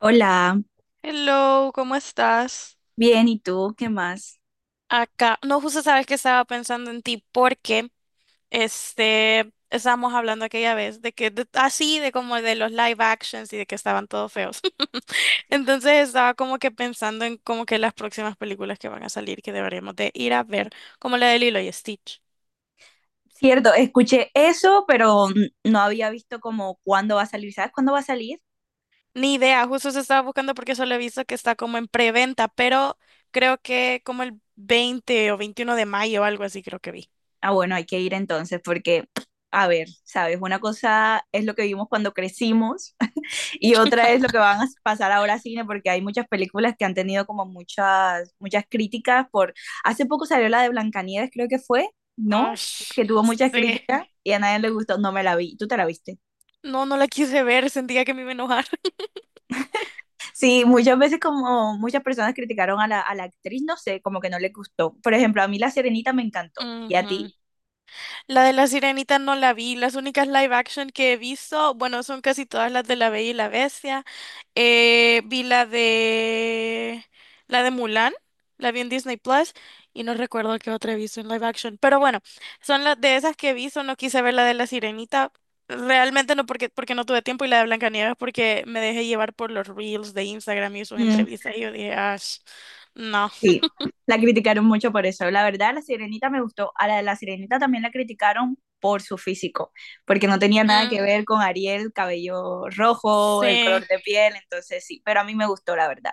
Hola, Hello, ¿cómo estás? bien, ¿y tú qué más? Acá, no, justo sabes que estaba pensando en ti porque estábamos hablando aquella vez de que así de como de los live actions y de que estaban todos feos. Entonces estaba como que pensando en como que las próximas películas que van a salir que deberíamos de ir a ver, como la de Lilo y Stitch. Cierto, escuché eso, pero no había visto como cuándo va a salir. ¿Sabes cuándo va a salir? Ni idea, justo se estaba buscando porque solo he visto que está como en preventa, pero creo que como el 20 o 21 de mayo o algo así creo que vi. Ah, bueno, hay que ir entonces porque, a ver, ¿sabes? Una cosa es lo que vimos cuando crecimos y otra es lo que van a pasar ahora a cine porque hay muchas películas que han tenido como muchas críticas por... Hace poco salió la de Blancanieves, creo que fue, ¿no? Ay, Que tuvo muchas sí. críticas y a nadie le gustó, no me la vi. ¿Tú te la viste? No, no la quise ver, sentía que me iba a enojar. Sí, muchas veces como muchas personas criticaron a la actriz, no sé, como que no le gustó. Por ejemplo, a mí La Sirenita me encantó y a Ujú. ti. La de la Sirenita no la vi. Las únicas live action que he visto, bueno, son casi todas las de La Bella y la Bestia. Vi la de Mulan, la vi en Disney Plus y no recuerdo qué otra he visto en live action. Pero bueno, son las de esas que vi, solo no quise ver la de la Sirenita. Realmente no porque no tuve tiempo y la de Blancanieves porque me dejé llevar por los reels de Instagram y sus Mm, entrevistas y yo dije, "Ash, no." sí, la criticaron mucho por eso. La verdad, La Sirenita me gustó. A la de La Sirenita también la criticaron por su físico, porque no tenía nada que ver con Ariel, cabello rojo, el Sí. color de piel, entonces sí, pero a mí me gustó, la verdad.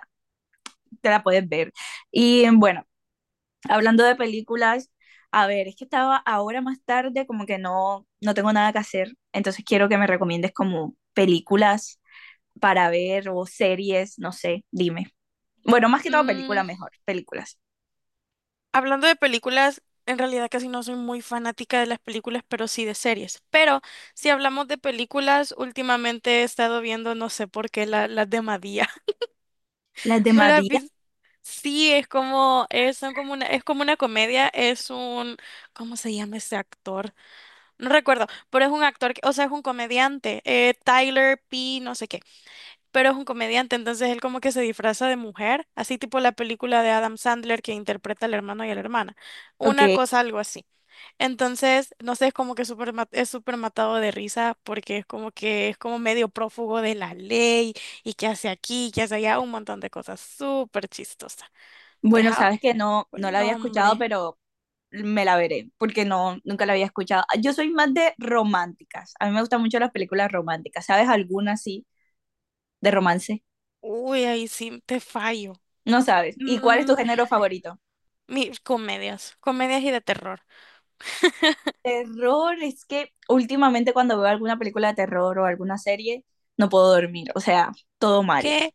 Te la puedes ver. Y bueno. Hablando de películas, a ver, es que estaba ahora más tarde, como que no, no tengo nada que hacer, entonces quiero que me recomiendes como películas para ver o series, no sé, dime. Bueno, más que todo Mm, películas mejor, películas. hablando de películas, en realidad casi no soy muy fanática de las películas, pero sí de series. Pero si hablamos de películas, últimamente he estado viendo, no sé por qué, las de Madía. Las de ¿No las has Matías, visto? Sí, es como, es, son como una, es como una comedia, es un, ¿cómo se llama ese actor? No recuerdo, pero es un actor, que- o sea, es un comediante, Tyler P. no sé qué. Pero es un comediante, entonces él como que se disfraza de mujer, así tipo la película de Adam Sandler que interpreta al hermano y a la hermana, ok. una cosa algo así. Entonces, no sé, es como que súper es súper matado de risa porque es como que es como medio prófugo de la ley y que hace aquí, que hace allá, un montón de cosas súper chistosas. Bueno, Deja sabes que no, no el la había escuchado, nombre. pero me la veré, porque no, nunca la había escuchado. Yo soy más de románticas, a mí me gustan mucho las películas románticas, ¿sabes alguna así de romance? Uy, ahí sí te fallo. No sabes. ¿Y cuál es Mm, tu género favorito? mis comedias, comedias y de terror. Terror, es que últimamente cuando veo alguna película de terror o alguna serie, no puedo dormir, o sea, todo mal. ¿Qué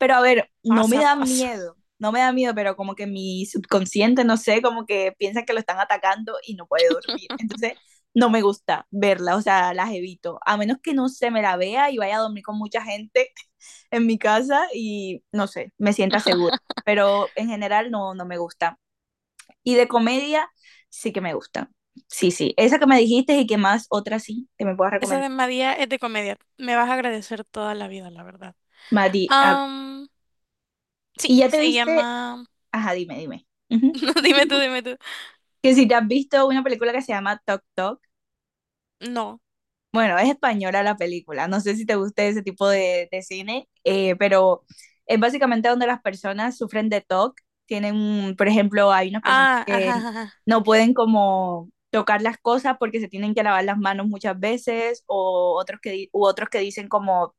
Pero a ver, no me pasa, da pasa? miedo, no me da miedo, pero como que mi subconsciente, no sé, como que piensa que lo están atacando y no puede dormir. Entonces, no me gusta verla, o sea, las evito, a menos que no se me la vea y vaya a dormir con mucha gente en mi casa y, no sé, me sienta segura. Pero en general no, no me gusta. Y de comedia sí que me gusta. Sí, sí. Esa que me dijiste y que más otra sí que me puedas Esa recomendar. de María es de comedia. Me vas a agradecer toda la vida, la verdad. Mati, a- Am, sí, y ya te se viste, llama. ajá, dime, dime. Ujú. No, dime tú, dime tú. Que si te has visto una película que se llama Tok Tok. No. Bueno, es española la película. No sé si te gusta ese tipo de cine, pero es básicamente donde las personas sufren de TOC. Tienen, por ejemplo, hay unas personas Ah, ajá, que ajá. no pueden como tocar las cosas porque se tienen que lavar las manos muchas veces, o otros que, u otros que dicen como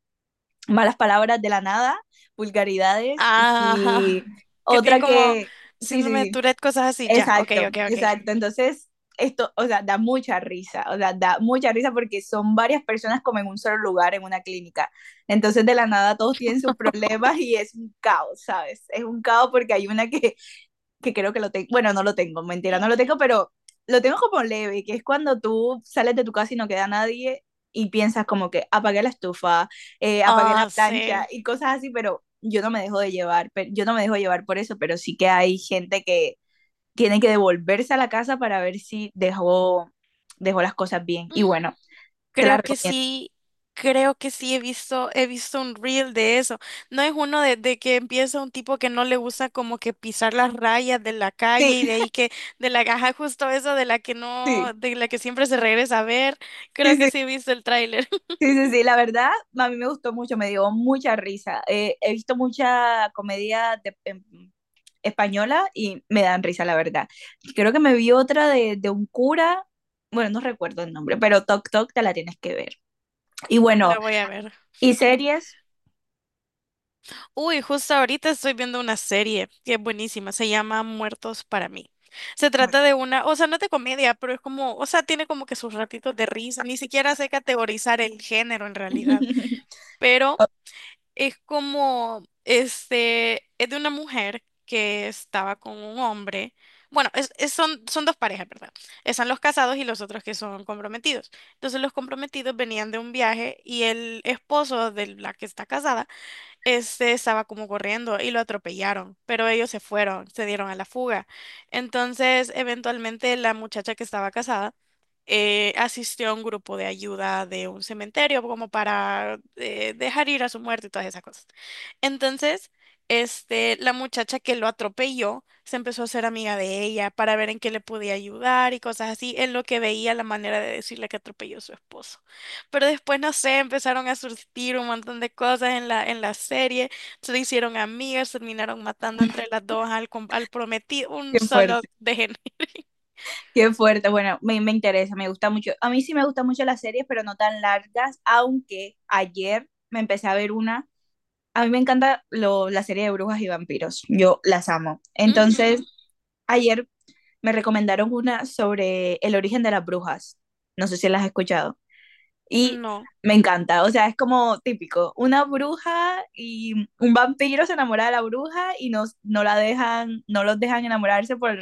malas palabras de la nada, vulgaridades y, Ajá. Ajá. y Que tienen otra como que, sí, sí, síndrome de sí, Tourette, cosas así. Ya, ok, exacto, ok, ok. exacto. Entonces, esto, o sea, da mucha risa, o sea, da mucha risa porque son varias personas como en un solo lugar, en una clínica. Entonces, de la nada, todos tienen sus problemas y es un caos, ¿sabes? Es un caos porque hay una que creo que lo tengo, bueno, no lo tengo, mentira, no lo tengo, pero lo tengo como leve, que es cuando tú sales de tu casa y no queda nadie y piensas como que apagué la estufa, apagué la Ah, plancha sí. y cosas así, pero yo no me dejo de llevar, pero yo no me dejo llevar por eso, pero sí que hay gente que tiene que devolverse a la casa para ver si dejó las cosas bien. Y bueno, te la Creo que recomiendo. sí, creo que sí he visto, un reel de eso. No es uno de que empieza un tipo que no le gusta como que pisar las rayas de la Sí, calle y de ahí que, de la caja justo eso de la que no, sí, de la que siempre se regresa a ver. Creo sí, que sí. sí he visto el tráiler. Sí, sí, sí, la verdad, a mí me gustó mucho, me dio mucha risa. He visto mucha comedia de- en española y me dan risa, la verdad. Creo que me vi otra de un cura, bueno, no recuerdo el nombre, pero Toc Toc te la tienes que ver. Y La bueno, voy a ver. y series. Uy, justo ahorita estoy viendo una serie que es buenísima, se llama Muertos para mí. Se Bueno. trata de una, o sea, no es de comedia, pero es como, o sea, tiene como que sus ratitos de risa, ni siquiera sé categorizar el género en realidad. Pero es como, este, es de una mujer que estaba con un hombre. Bueno, son dos parejas, ¿verdad? Están los casados y los otros que son comprometidos. Entonces los comprometidos venían de un viaje y el esposo de la que está casada estaba como corriendo y lo atropellaron, pero ellos se fueron, se dieron a la fuga. Entonces, eventualmente la muchacha que estaba casada asistió a un grupo de ayuda de un cementerio como para dejar ir a su muerto y todas esas cosas. Entonces, la muchacha que lo atropelló se empezó a ser amiga de ella para ver en qué le podía ayudar y cosas así, en lo que veía la manera de decirle que atropelló a su esposo. Pero después, no sé, empezaron a surgir un montón de cosas en la serie, se hicieron amigas, terminaron matando entre las dos al prometido, un Qué solo fuerte, de gen- qué fuerte. Bueno, me interesa, me gusta mucho. A mí sí me gustan mucho las series, pero no tan largas, aunque ayer me empecé a ver una. A mí me encanta lo, la serie de brujas y vampiros. Yo las amo. Entonces, ayer me recomendaron una sobre el origen de las brujas. No sé si las has escuchado. Y No, me encanta, o sea, es como típico, una bruja y un vampiro se enamora de la bruja y no, no la dejan, no los dejan enamorarse por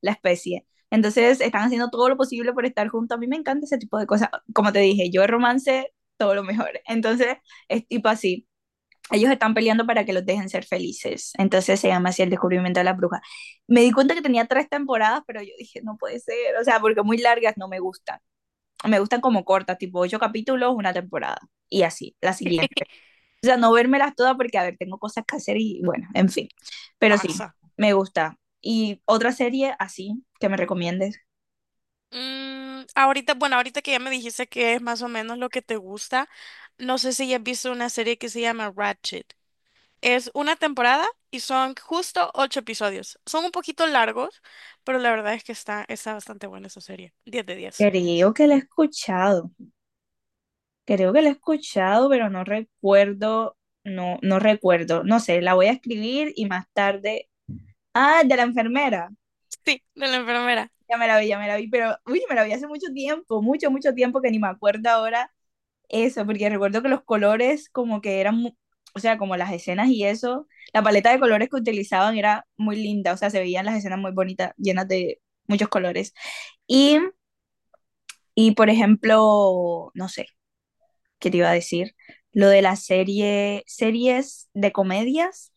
la especie. Entonces están haciendo todo lo posible por estar juntos. A mí me encanta ese tipo de cosas. Como te dije, yo de romance, todo lo mejor. Entonces es tipo así. Ellos están peleando para que los dejen ser felices. Entonces se llama así el descubrimiento de la bruja. Me di cuenta que tenía tres temporadas, pero yo dije, no puede ser. O sea, porque muy largas no me gustan me gustan como cortas, tipo ocho capítulos, una temporada. Y así, la siguiente. O sea, no vérmelas todas porque, a ver, tengo cosas que hacer y bueno, en fin. Pero sí, pasa. me gusta. Y otra serie así que me recomiendes. Ahorita, bueno, ahorita que ya me dijiste que es más o menos lo que te gusta, no sé si ya has visto una serie que se llama Ratchet. Es una temporada y son justo ocho episodios. Son un poquito largos, pero la verdad es que está bastante buena esa serie. 10 de 10. Creo que la he escuchado. Creo que la he escuchado, pero no recuerdo. No, no recuerdo. No sé, la voy a escribir y más tarde. Ah, de la enfermera. Sí, de la enfermera. Ya me la vi, ya me la vi, pero uy, me la vi hace mucho tiempo, mucho, mucho tiempo que ni me acuerdo ahora. Eso, porque recuerdo que los colores como que eran, o sea, como las escenas y eso, la paleta de colores que utilizaban era muy linda, o sea, se veían las escenas muy bonitas, llenas de muchos colores. Y, y por ejemplo, no sé, ¿qué te iba a decir? Lo de la serie, series de comedias.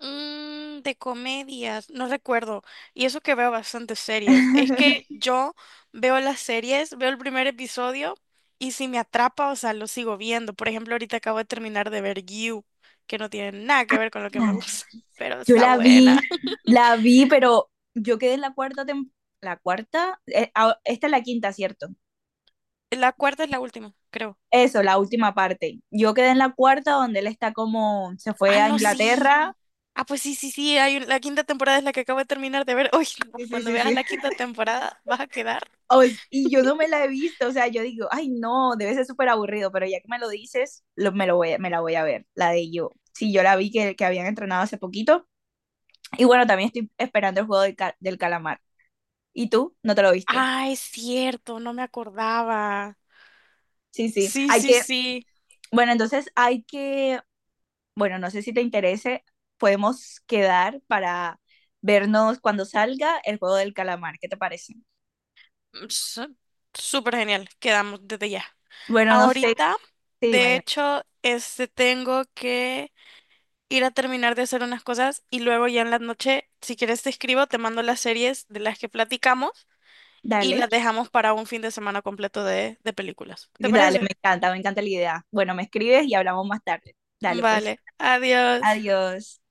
De comedias, no recuerdo. Y eso que veo bastantes series. Es que yo veo las series, veo el primer episodio y si me atrapa, o sea, lo sigo viendo. Por ejemplo, ahorita acabo de terminar de ver You, que no tiene nada que ver con lo que me gusta, pero Yo está buena. la vi, pero yo quedé en la cuarta temporada, la cuarta, ah, esta es la quinta, ¿cierto? La cuarta es la última, creo. Eso, la última parte. Yo quedé en la cuarta donde él está como, se Ah, fue a no, sí. Inglaterra. Ah, pues sí, sí, sí. Hay la quinta temporada es la que acabo de terminar de ver. Uy, no, Sí, sí, cuando sí, veas sí. la quinta temporada, vas a quedar. Y yo no me la he visto, o sea, yo digo, ay no, debe ser súper aburrido, pero ya que me lo dices, lo voy, me la voy a ver, la de yo. Sí, yo la vi que habían entrenado hace poquito. Y bueno, también estoy esperando el juego del, del calamar. ¿Y tú? ¿No te lo viste? Ah, es cierto, no me acordaba. Sí, sí. Sí, Hay sí, que, sí. bueno, entonces hay que, bueno, no sé si te interese, podemos quedar para vernos cuando salga el juego del calamar. ¿Qué te parece? S- Súper genial, quedamos desde ya. Bueno, no sé. Ahorita, Sí, dime, de dime. hecho, tengo que ir a terminar de hacer unas cosas y luego ya en la noche, si quieres te escribo, te mando las series de las que platicamos y Dale, las dejamos para un fin de semana completo de películas. ¿Te dale, parece? Me encanta la idea. Bueno, me escribes y hablamos más tarde. Dale, pues. Vale, adiós. Adiós.